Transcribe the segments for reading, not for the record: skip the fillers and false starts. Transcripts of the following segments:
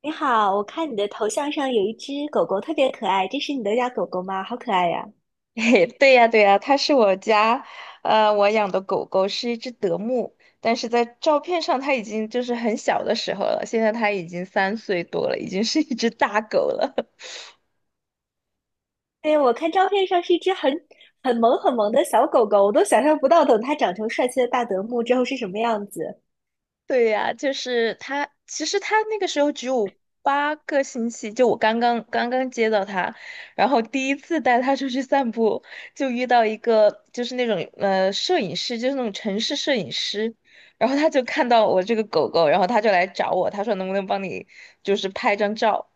你好，我看你的头像上有一只狗狗，特别可爱，这是你的家狗狗吗？好可爱呀！嘿，对呀，对呀，它是我家，我养的狗狗是一只德牧，但是在照片上它已经就是很小的时候了，现在它已经3岁多了，已经是一只大狗了。对，我看照片上是一只很很萌的小狗狗，我都想象不到等它长成帅气的大德牧之后是什么样子。对呀，就是他，其实他那个时候只有8个星期，就我刚刚接到他，然后第一次带他出去散步，就遇到一个就是那种摄影师，就是那种城市摄影师，然后他就看到我这个狗狗，然后他就来找我，他说能不能帮你就是拍张照，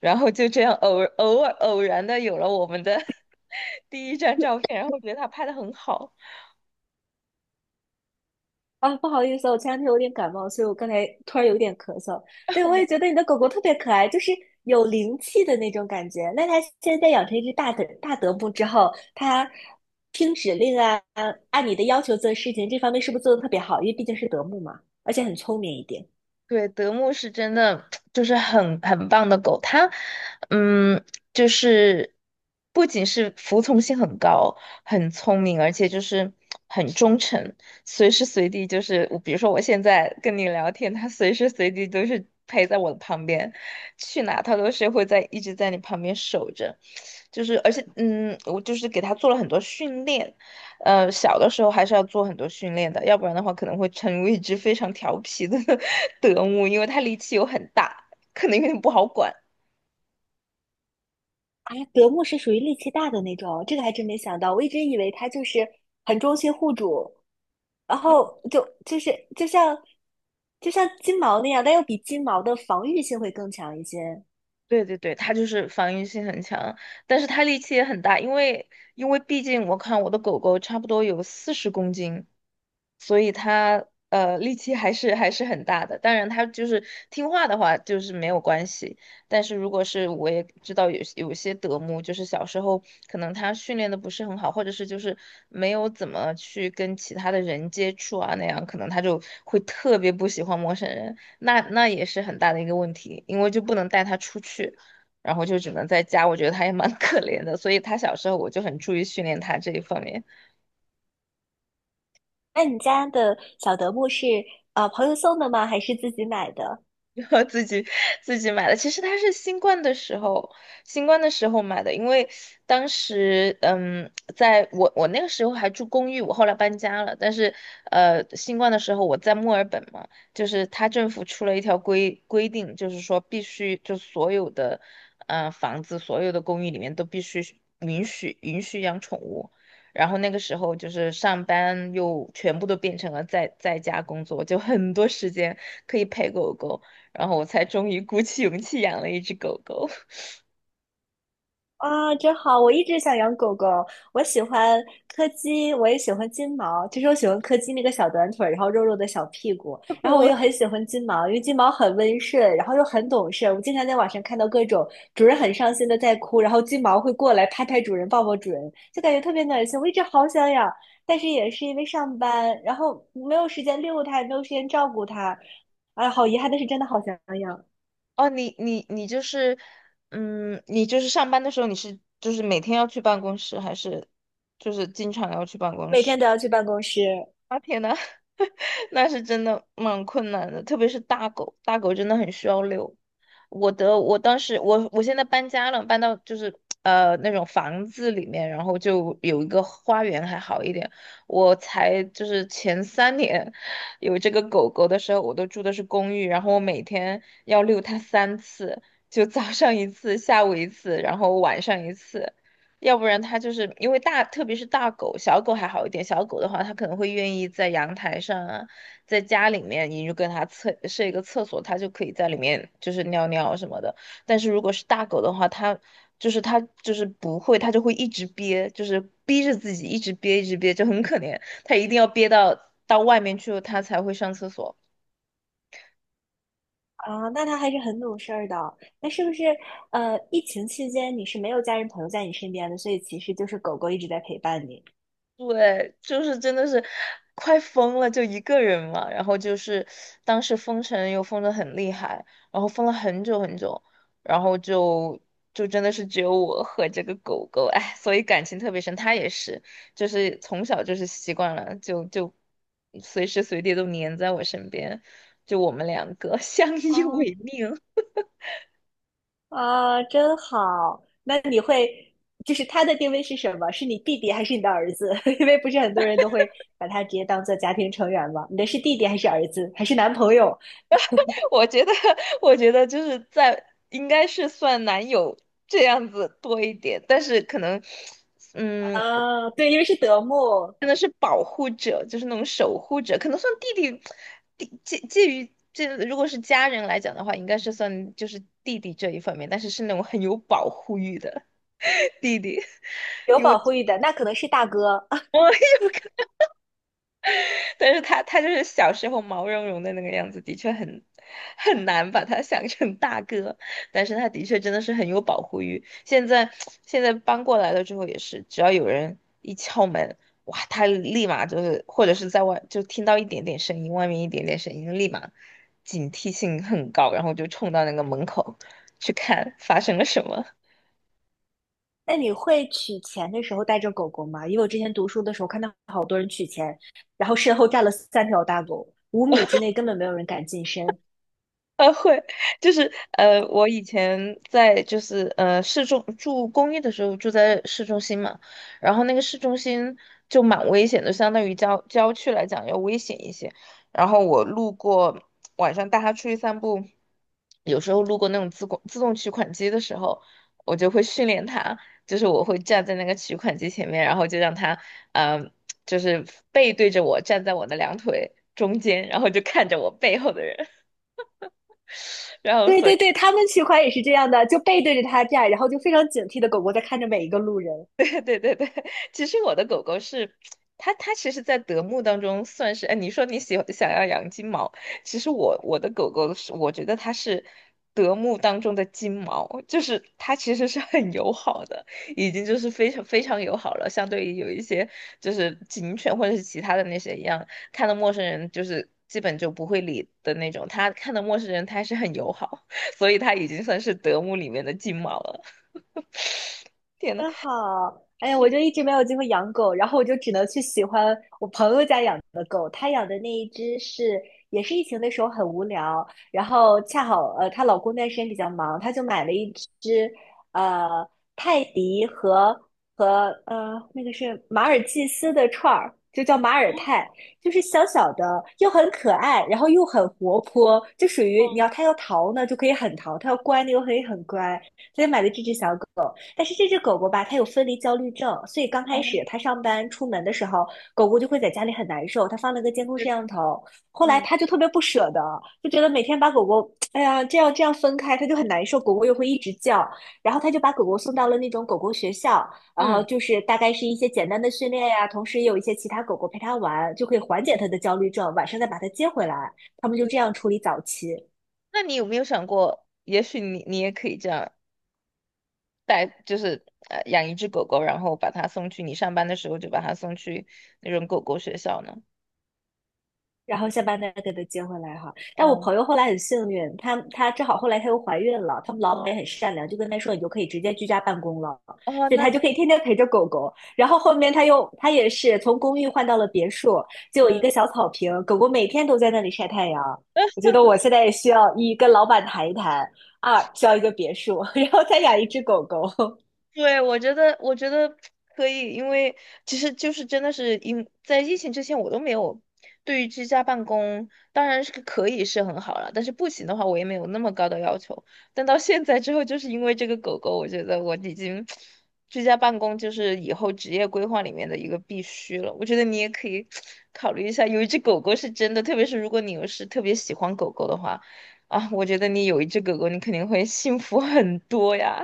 然后就这样偶然的有了我们的 第一张照片，然后我觉得他拍的很好。啊，不好意思，我前两天有点感冒，所以我刚才突然有点咳嗽。对，我也觉得你的狗狗特别可爱，就是有灵气的那种感觉。那它现在养成一只大德牧之后，它听指令啊，按你的要求做事情，这方面是不是做的特别好？因为毕竟是德牧嘛，而且很聪明一点。对，德牧是真的 就是很棒的狗，它，嗯，就是不仅是服从性很高，很聪明，而且就是很忠诚，随时随地就是我比如说我现在跟你聊天，它随时随地都是陪在我的旁边，去哪它都是会在一直在你旁边守着，就是而且我就是给它做了很多训练，小的时候还是要做很多训练的，要不然的话可能会成为一只非常调皮的 德牧，因为它力气又很大，可能有点不好管。啊，德牧是属于力气大的那种，这个还真没想到。我一直以为它就是很忠心护主，然后就是就像就像金毛那样，但又比金毛的防御性会更强一些。对对对，它就是防御性很强，但是它力气也很大，因为毕竟我看我的狗狗差不多有40公斤，所以它力气还是很大的。当然，它就是听话的话就是没有关系，但是如果是我也知道有些德牧，就是小时候可能它训练的不是很好，或者是就是没有怎么去跟其他的人接触啊那样，可能它就会特别不喜欢陌生人。那也是很大的一个问题，因为就不能带他出去，然后就只能在家。我觉得他也蛮 可怜的，所以他小时候我就很注意训练他这一方面。那你家的小德牧是朋友送的吗？还是自己买的？然后自己买的。其实它是新冠的时候，新冠的时候买的，因为当时在我那个时候还住公寓，我后来搬家了。但是新冠的时候我在墨尔本嘛，就是他政府出了一条规定，就是说必须就所有的房子、所有的公寓里面都必须允许养宠物。然后那个时候就是上班又全部都变成了在家工作，就很多时间可以陪狗狗。然后我才终于鼓起勇气养了一只狗狗。啊，真好！我一直想养狗狗，我喜欢柯基，我也喜欢金毛。其实我喜欢柯基那个小短腿儿，然后肉肉的小屁股，然后我又很 喜欢金毛，因为金毛很温顺，然后又很懂事。我经常在网上看到各种主人很伤心的在哭，然后金毛会过来拍拍主人，抱抱主人，就感觉特别暖心。我一直好想养，但是也是因为上班，然后没有时间遛它，也没有时间照顾它。哎，好遗憾，但是真的好想养，哦，你就是，你就是上班的时候你是就是每天要去办公室，还是就是经常要去办公每天室？都要去办公室。那是真的蛮困难的，特别是大狗，大狗真的很需要遛。我的，我当时，我现在搬家了，搬到就是那种房子里面，然后就有一个花园还好一点。我才就是前3年有这个狗狗的时候，我都住的是公寓，然后我每天要遛它3次，就早上一次，下午一次，然后晚上一次。要不然它就是因为大，特别是大狗，小狗还好一点。小狗的话，它可能会愿意在阳台上啊，在家里面，你就跟它设一个厕所，它就可以在里面就是尿尿什么的。但是如果是大狗的话，它就是不会，它就会一直憋，就是逼着自己一直憋一直憋，就很可怜。它一定要憋到外面去，它才会上厕所。啊，那他还是很懂事儿的。那是不是疫情期间你是没有家人朋友在你身边的，所以其实就是狗狗一直在陪伴你。对，就是真的是快疯了，就一个人嘛。然后就是当时封城又封得很厉害，然后封了很久很久，然后就真的是只有我和这个狗狗，哎，所以感情特别深。它也是，就是从小就是习惯了，就随时随地都黏在我身边，就我们两个相依哦为命。啊，真好。那你会就是它的定位是什么？是你弟弟还是你的儿子？因为不是很多人都会把它直接当做家庭成员嘛。你的是弟弟还是儿子还是男朋友？我觉得，我觉得就是在应该是算男友这样子多一点，但是可能，嗯，啊，对，因为是德牧，真的是保护者，就是那种守护者，可能算弟弟，介于这，如果是家人来讲的话，应该是算就是弟弟这一方面，但是是那种很有保护欲的 弟弟，有因为 保护欲的，那可能是大哥。但是他就是小时候毛茸茸的那个样子，的确很难把他想成大哥。但是他的确真的是很有保护欲。现在 现在搬过来了之后也是，只要有人一敲门，哇，他立马就是，或者是在外就听到一点点声音，外面一点点声音，立马警惕性很高，然后就冲到那个门口去看发生了什么。那你会取钱的时候带着狗狗吗？因为我之前读书的时候看到好多人取钱，然后身后站了三条大狗，五米之内根本没有人敢近身。会，就是我以前在就是住公寓的时候住在市中心嘛，然后那个市中心就蛮危险的，相当于郊区来讲要危险一些。然后我路过晚上带他出去散步，有时候路过那种自动取款机的时候，我就会训练他，就是我会站在那个取款机前面，然后就让他嗯、呃，就是背对着我站在我的两腿中间，然后就看着我背后的人。然后对所以 对对，他们取款也是这样的，就背对着他站，然后就非常警惕的狗狗在看着每一个路人。对对对对，其实我的狗狗是它其实，在德牧当中算是，哎，你说你喜欢想要养金毛，其实我的狗狗是，我觉得它是德牧当中的金毛，就是它其实是很友好的，已经就是非常非常友好了，相对于有一些就是警犬或者是其他的那些一样，看到陌生人就是基本就不会理的那种，它看到陌生人它还是很友好，所以它已经算是德牧里面的金毛了。真好，哎呀，我是。就一直没有机会养狗，然后我就只能去喜欢我朋友家养的狗。他养的那一只是，也是疫情的时候很无聊，然后恰好她老公那段时间比较忙，他就买了一只呃泰迪和和那个是马尔济斯的串儿，就叫马尔泰，就是小小的又很可爱，然后又很活泼，就属于你要它要逃呢就可以很逃，它要乖呢又可以很乖，所以买了这只小狗。但是这只狗狗吧，它有分离焦虑症，所以刚开始它上班出门的时候，狗狗就会在家里很难受。它放了个监控摄对，像头，后来嗯它就特别不舍得，就觉得每天把狗狗，哎呀，这样分开，它就很难受。狗狗又会一直叫，然后它就把狗狗送到了那种狗狗学校，然后嗯就是大概是一些简单的训练呀、同时也有一些其他狗狗陪它玩，就可以缓解它嗯，的焦虑症。晚上再把它接回来，他们就这对。样处理早期。那你有没有想过，也许你也可以这样带，就是养一只狗狗，然后把它送去你上班的时候就把它送去那种狗狗学校呢？然后下班再给她接回来哈。但我嗯，朋友后来很幸运，她正好后来她又怀孕了，他们老板也很善良，就跟她说你就可以直接居家办公了，哦，所以那她就就可以天天陪着狗狗。然后后面她也是从公寓换到了别墅，就有一嗯，个 小草坪，狗狗每天都在那里晒太阳。我觉得我现在也需要一跟老板谈一谈，二需要一个别墅，然后再养一只狗狗。对，我觉得，我觉得可以，因为其实就是真的是因在疫情之前，我都没有对于居家办公，当然是可以是很好了，但是不行的话，我也没有那么高的要求。但到现在之后，就是因为这个狗狗，我觉得我已经居家办公就是以后职业规划里面的一个必须了。我觉得你也可以 考虑一下，有一只狗狗是真的，特别是如果你又是特别喜欢狗狗的话，啊，我觉得你有一只狗狗，你肯定会幸福很多呀。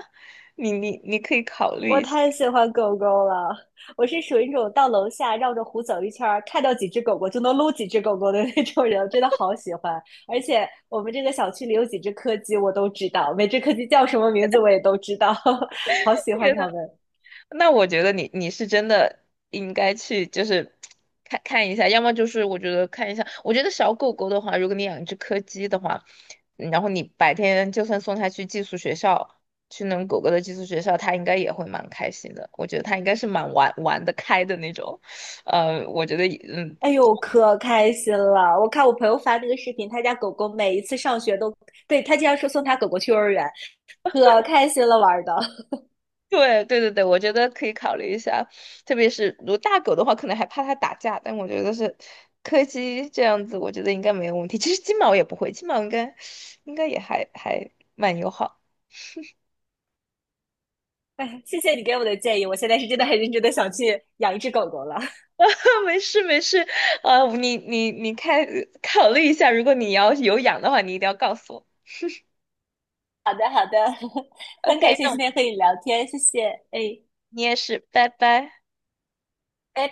你可以考虑我一下，太喜欢狗狗了，我是属于那种到楼下绕着湖走一圈儿，看到几只狗狗就能撸几只狗狗的那种人，我真的好喜欢。而且我们这个小区里有几只柯基，我都知道，每只柯基叫什么名字我也都知道，好喜觉欢它得们。那我觉得你是真的应该去就是看看一下，要么就是我觉得看一下，我觉得小狗狗的话，如果你养一只柯基的话，然后你白天就算送它去寄宿学校，去那种狗狗的寄宿学校，它应该也会蛮开心的。我觉得它应该是蛮玩得开的那种，我觉得哎呦，可开心了！我看我朋友发那个视频，他家狗狗每一次上学都，对，他经常说送他狗狗去幼儿园，可开心了玩儿的。对对对对，我觉得可以考虑一下，特别是如果大狗的话，可能还怕它打架，但我觉得是柯基这样子，我觉得应该没有问题。其实金毛也不会，金毛应该也还蛮友好。哎，谢谢你给我的建议，我现在是真的很认真的想去养一只狗狗了。没事没事，啊，你看考虑一下，如果你要有养的话，你一定要告诉我。好的，好的，很感 OK，谢那今我天和你聊天，谢谢，哎。你也是，拜拜。哎，